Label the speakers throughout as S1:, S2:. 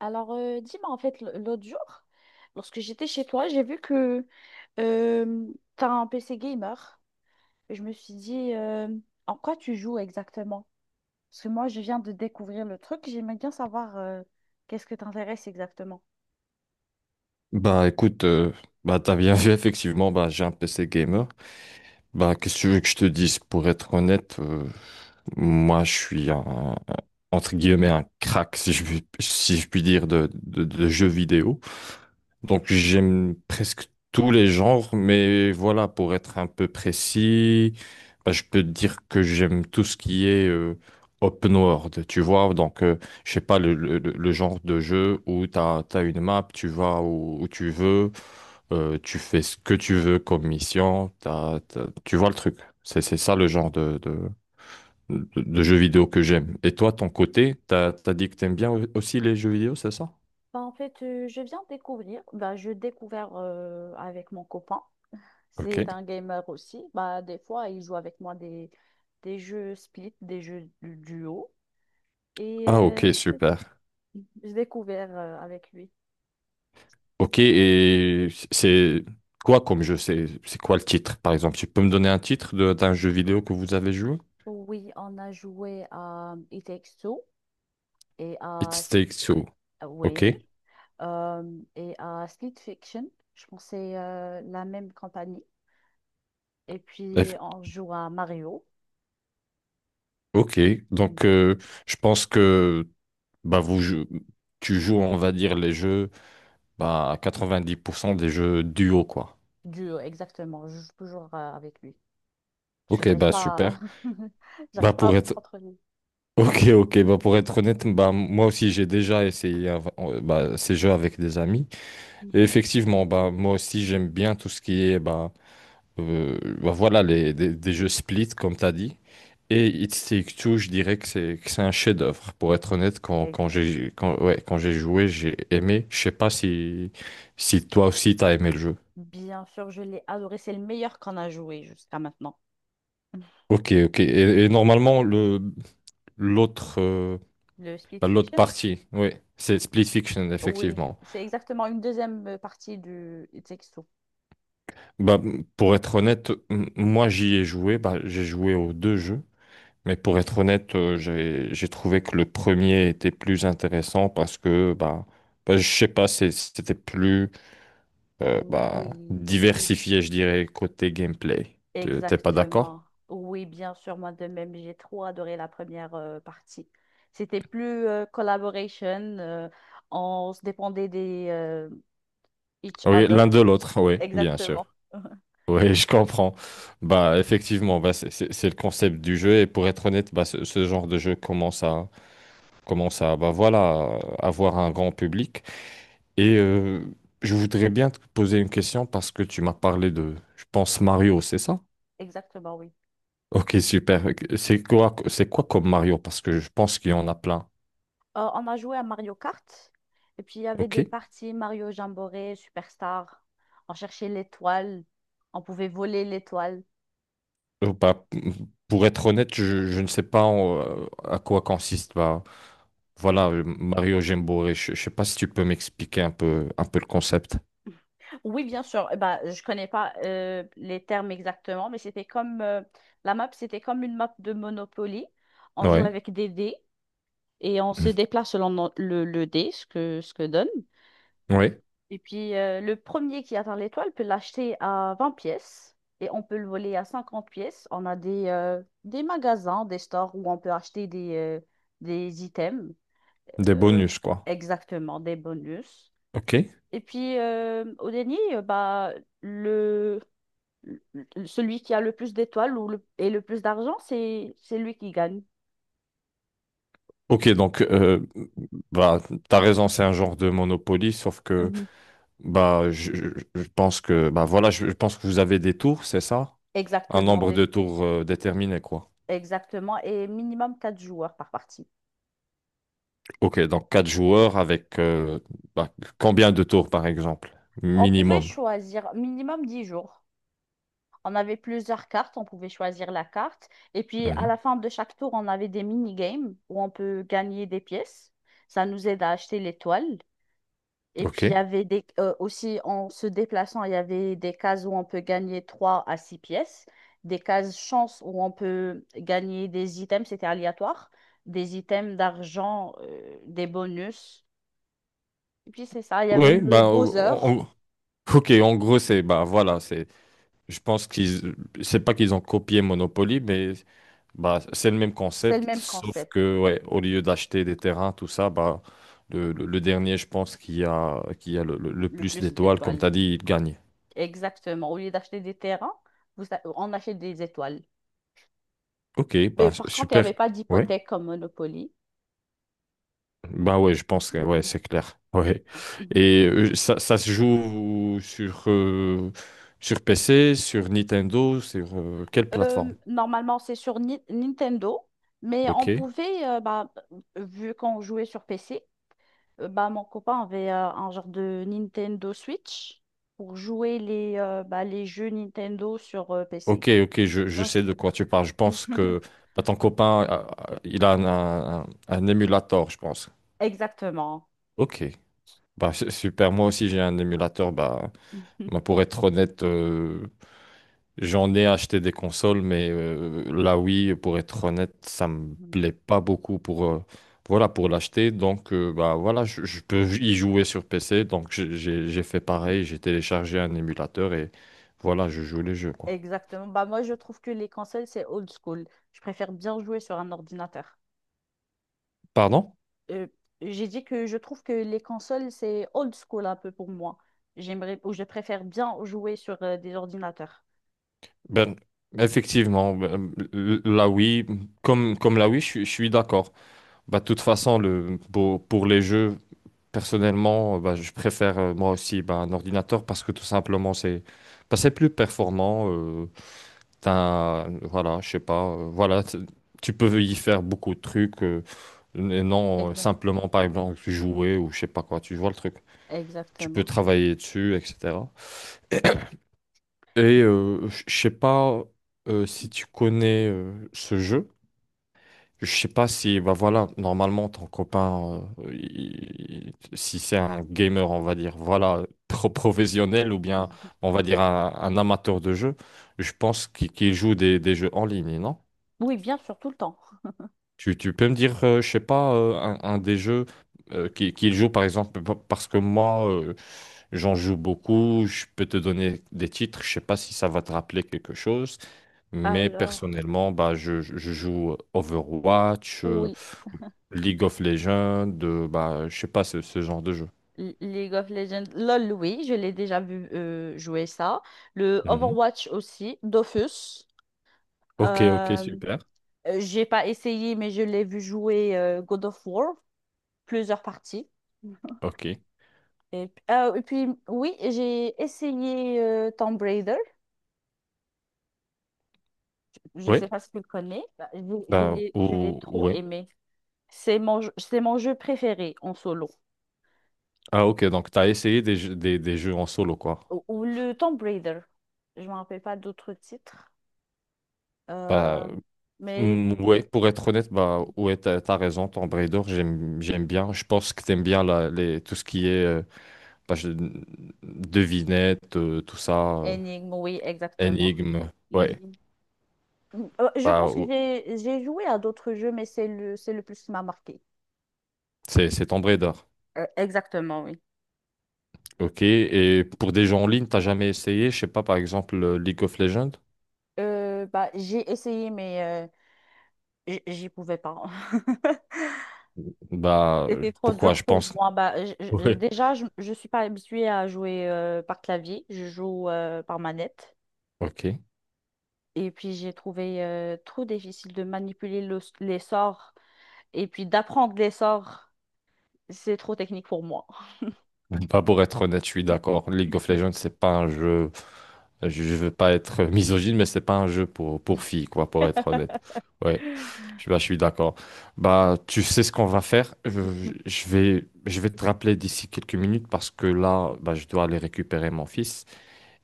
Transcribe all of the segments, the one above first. S1: Alors, dis-moi, en fait, l'autre jour, lorsque j'étais chez toi, j'ai vu que euh, tu as un PC gamer. Et je me suis dit, en quoi tu joues exactement? Parce que moi, je viens de découvrir le truc. J'aimerais bien savoir qu'est-ce que t'intéresse exactement.
S2: Bah écoute, bah t'as bien vu effectivement, bah j'ai un PC gamer. Bah qu'est-ce que tu veux que je te dise? Pour être honnête, moi je suis un- entre guillemets un crack si je puis dire de jeux vidéo. Donc j'aime presque tous les genres, mais voilà, pour être un peu précis, bah, je peux te dire que j'aime tout ce qui est open world, tu vois. Donc je sais pas le genre de jeu où tu as, une map, tu vas où, où tu veux, tu fais ce que tu veux comme mission, tu vois le truc. C'est ça le genre de jeu vidéo que j'aime. Et toi, ton côté, t'as dit que t'aimes bien aussi les jeux vidéo, c'est ça?
S1: Bah, en fait, je viens de découvrir. Bah, je découvert avec mon copain.
S2: Ok.
S1: C'est un gamer aussi. Bah, des fois, il joue avec moi des jeux split, des jeux du duo. Et
S2: Ah, ok,
S1: c'est tout.
S2: super.
S1: J'ai découvert avec lui.
S2: Ok, et c'est quoi comme jeu? C'est quoi le titre, par exemple? Tu peux me donner un titre d'un jeu vidéo que vous avez joué?
S1: Oui, on a joué à It Takes Two et
S2: It
S1: à
S2: Takes Two.
S1: oui,
S2: Ok.
S1: et à Split Fiction. Je pense que c'est la même compagnie. Et puis
S2: F-
S1: on joue à Mario.
S2: Ok. Donc, je pense que bah, vous, jou- tu joues, on va dire, les jeux, bah, à 90% des jeux duo, quoi.
S1: Duo, exactement. Je joue toujours avec lui. Parce que
S2: Ok,
S1: j'arrive
S2: bah
S1: pas à...
S2: super. Bah
S1: J'arrive pas à
S2: pour
S1: me
S2: être
S1: contrôler.
S2: ok, ok, bah pour être honnête, bah moi aussi j'ai déjà essayé bah, ces jeux avec des amis. Et
S1: Mhm.
S2: effectivement, bah moi aussi j'aime bien tout ce qui est bah bah voilà, des jeux Split, comme tu as dit. Et It Takes Two, je dirais que c'est un chef-d'œuvre. Pour être honnête,
S1: Exact.
S2: quand j'ai joué, j'ai aimé. Je sais pas si, si toi aussi t'as aimé le jeu.
S1: Bien sûr, je l'ai adoré. C'est le meilleur qu'on a joué jusqu'à maintenant.
S2: Ok, ok. Et normalement, le l'autre
S1: Le Split
S2: l'autre
S1: Fiction?
S2: partie, oui, c'est Split Fiction,
S1: Oui,
S2: effectivement.
S1: c'est exactement une deuxième partie du It Takes Two.
S2: Bah, pour être honnête, moi j'y ai joué. Bah, j'ai joué aux deux jeux. Mais pour être honnête, j'ai trouvé que le premier était plus intéressant parce que bah, bah je sais pas, c'était plus bah,
S1: Oui, oui,
S2: diversifié, je dirais, côté gameplay. T'es pas d'accord?
S1: exactement. Oui, bien sûr, moi de même, j'ai trop adoré la première partie. C'était plus collaboration, euh, on se dépendait des each
S2: Oui, l'un
S1: other.
S2: de l'autre, oui, bien sûr.
S1: Exactement.
S2: Oui, je comprends. Bah effectivement, bah, c'est le concept du jeu et pour être honnête, bah, ce genre de jeu commence à commence à bah voilà, avoir un grand public. Et je voudrais bien te poser une question parce que tu m'as parlé de, je pense, Mario, c'est ça?
S1: Exactement, oui.
S2: Ok, super. C'est quoi comme Mario? Parce que je pense qu'il y en a plein.
S1: On a joué à Mario Kart. Et puis, il y avait
S2: Ok?
S1: des parties Mario Jamboree, Superstar. On cherchait l'étoile. On pouvait voler l'étoile.
S2: Bah, pour être honnête, je ne sais pas à quoi consiste. Bah, voilà, Mario Jamboree. Je ne sais pas si tu peux m'expliquer un peu le concept.
S1: Oui, bien sûr. Eh Ben, je connais pas les termes exactement, mais c'était comme la map, c'était comme une map de Monopoly. On joue
S2: Ouais.
S1: avec des dés et on se
S2: Mhm.
S1: déplace selon le dé, ce que donne.
S2: Ouais.
S1: Et puis, le premier qui atteint l'étoile peut l'acheter à 20 pièces et on peut le voler à 50 pièces. On a des magasins, des stores où on peut acheter des items,
S2: Des
S1: euh,
S2: bonus, quoi.
S1: exactement, des bonus.
S2: Ok.
S1: Et puis, au dernier, bah, le, le celui qui a le plus d'étoiles ou le, et le plus d'argent, c'est lui qui gagne.
S2: Ok, donc bah t'as raison, c'est un genre de Monopoly, sauf que
S1: Mhm.
S2: bah je pense que bah voilà, je pense que vous avez des tours, c'est ça? Un
S1: Exactement,
S2: nombre
S1: des-
S2: de tours déterminé, quoi.
S1: exactement. Et minimum 4 joueurs par partie.
S2: Ok, donc quatre joueurs avec bah, combien de tours par exemple?
S1: On pouvait
S2: Minimum.
S1: choisir minimum 10 jours. On avait plusieurs cartes, on pouvait choisir la carte. Et puis à la
S2: Mhm.
S1: fin de chaque tour, on avait des mini-games où on peut gagner des pièces. Ça nous aide à acheter les l'étoile. Et
S2: Ok.
S1: puis il y avait des, aussi en se déplaçant, il y avait des cases où on peut gagner 3 à 6 pièces, des cases chance où on peut gagner des items, c'était aléatoire, des items d'argent, des bonus. Et puis c'est ça, il y avait
S2: Oui,
S1: le Bowser,
S2: o- ok, en gros c'est bah voilà, c'est Je pense qu'ils, c'est pas qu'ils ont copié Monopoly, mais bah, c'est le même
S1: c'est le
S2: concept,
S1: même
S2: sauf
S1: concept,
S2: que ouais, au lieu d'acheter des terrains, tout ça, bah, le dernier, je pense, qui a le
S1: le
S2: plus
S1: plus
S2: d'étoiles, comme
S1: d'étoiles.
S2: tu as dit, il gagne.
S1: Exactement. Au lieu d'acheter des terrains, on achète des étoiles.
S2: Ok,
S1: Mais
S2: bah,
S1: par contre, il n'y avait
S2: super.
S1: pas
S2: Ouais.
S1: d'hypothèque comme Monopoly.
S2: Bah ouais, je pense que ouais,
S1: Mhm.
S2: c'est clair. Ouais.
S1: Comme-
S2: Et ça se joue sur, sur PC, sur Nintendo, sur quelle plateforme?
S1: Normalement, c'est sur Nintendo, mais on
S2: Ok.
S1: pouvait, bah, vu qu'on jouait sur PC, bah, mon copain avait un genre de Nintendo Switch pour jouer les, bah, les jeux Nintendo sur PC.
S2: Ok, ok, je
S1: Oh,
S2: sais de
S1: c'est-
S2: quoi tu parles. Je pense que bah, ton copain, il a un émulateur, je pense.
S1: Exactement.
S2: Ok, bah c'est super. Moi aussi, j'ai un émulateur. Bah, pour être honnête, j'en ai acheté des consoles, mais la Wii, pour être honnête, ça me plaît pas beaucoup pour voilà pour l'acheter. Donc bah voilà, je peux y jouer sur PC. Donc j'ai fait pareil. J'ai téléchargé un émulateur et voilà, je joue les jeux quoi.
S1: Exactement. Bah, moi, je trouve que les consoles, c'est old school. Je préfère bien jouer sur un ordinateur.
S2: Pardon?
S1: Euh, j'ai dit que je trouve que les consoles, c'est old school un peu pour moi. J'aimerais, ou je préfère bien jouer sur des ordinateurs.
S2: Ben, effectivement, ben, là oui, comme là oui, je suis d'accord. Bah, de toute façon, pour les jeux, personnellement, bah, je préfère moi aussi bah, un ordinateur parce que tout simplement, c'est bah, c'est plus performant. T'as voilà, je sais pas, tu peux y faire beaucoup de trucs, et non
S1: Exact.
S2: simplement, par exemple, jouer ou je sais pas quoi, tu vois le truc. Tu peux
S1: Exactement.
S2: travailler dessus, etc. Et je sais pas si tu connais ce jeu. Je sais pas si, bah voilà, normalement, ton copain, si c'est un gamer, on va dire, voilà, professionnel ou bien,
S1: Mhm.
S2: on va dire, un amateur de jeu, je pense qu'il joue des jeux en ligne, non?
S1: Oui, bien sûr, tout le temps.
S2: Tu peux me dire, je sais pas, un des jeux qu'il joue, par exemple, parce que moi, j'en joue beaucoup, je peux te donner des titres, je sais pas si ça va te rappeler quelque chose, mais
S1: Alors,
S2: personnellement, bah, je joue Overwatch,
S1: oui.
S2: League of Legends, bah, je sais pas ce genre de jeu.
S1: League of Legends, LOL, oui, je l'ai déjà vu jouer ça. Le
S2: Mhm.
S1: Overwatch aussi, Dofus.
S2: Ok, ok,
S1: Euh,
S2: super.
S1: j'ai pas essayé, mais je l'ai vu jouer God of War. Plusieurs parties.
S2: Ok.
S1: Et, ah, et puis, oui, j'ai essayé Tomb Raider. Je
S2: Oui,
S1: sais pas si tu le connais. Bah, je l'ai trop
S2: ouais.
S1: aimé. C'est c'est mon jeu préféré en solo.
S2: Ah, ok, donc tu as essayé des jeux en solo, quoi.
S1: Ou le Tomb Raider. Je me rappelle pas d'autres titres.
S2: Bah,
S1: Euh, mais
S2: mm, ouais, pour être honnête, bah, ouais, t'as raison, Tomb Raider, j'aime bien. Je pense que t'aimes bien tout ce qui est bah, je- devinette,
S1: Énigme, oui, exactement.
S2: énigme. Ouais,
S1: Mhm. Je
S2: bah,
S1: pense que
S2: ou-
S1: j'ai joué à d'autres jeux, mais c'est le plus qui m'a marqué.
S2: c'est Tomb Raider.
S1: Exactement, oui.
S2: Ok, et pour des jeux en ligne, t'as jamais essayé, je sais pas, par exemple League of Legends?
S1: Bah, j'ai essayé, mais j- J'y pouvais pas. C'était trop
S2: Pourquoi
S1: dur
S2: je
S1: pour
S2: pense?
S1: moi. Bah,
S2: Ouais.
S1: déjà, je ne suis pas habituée à jouer par clavier. Je joue par manette.
S2: Ok.
S1: Et puis, j'ai trouvé trop difficile de manipuler les sorts et puis d'apprendre les sorts. C'est trop technique pour moi.
S2: Bah, pour être honnête, je suis d'accord. League of Legends, c'est pas un jeu. Je veux pas être misogyne, mais c'est pas un jeu pour filles, quoi, pour être honnête. Ouais. Je suis d'accord. Bah, tu sais ce qu'on va faire.
S1: Mhm.
S2: Je vais te rappeler d'ici quelques minutes parce que là, bah, je dois aller récupérer mon fils.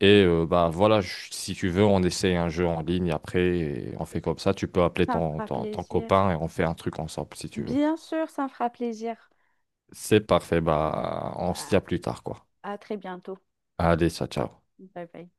S2: Et bah, voilà, si tu veux, on essaie un jeu en ligne après et on fait comme ça. Tu peux appeler
S1: Ça me fera
S2: ton
S1: plaisir.
S2: copain et on fait un truc ensemble si tu veux.
S1: Bien sûr, ça me fera plaisir.
S2: C'est parfait. Bah, on se
S1: À,
S2: dit à plus tard, quoi.
S1: à très bientôt.
S2: Allez, ciao, ciao.
S1: Bye bye.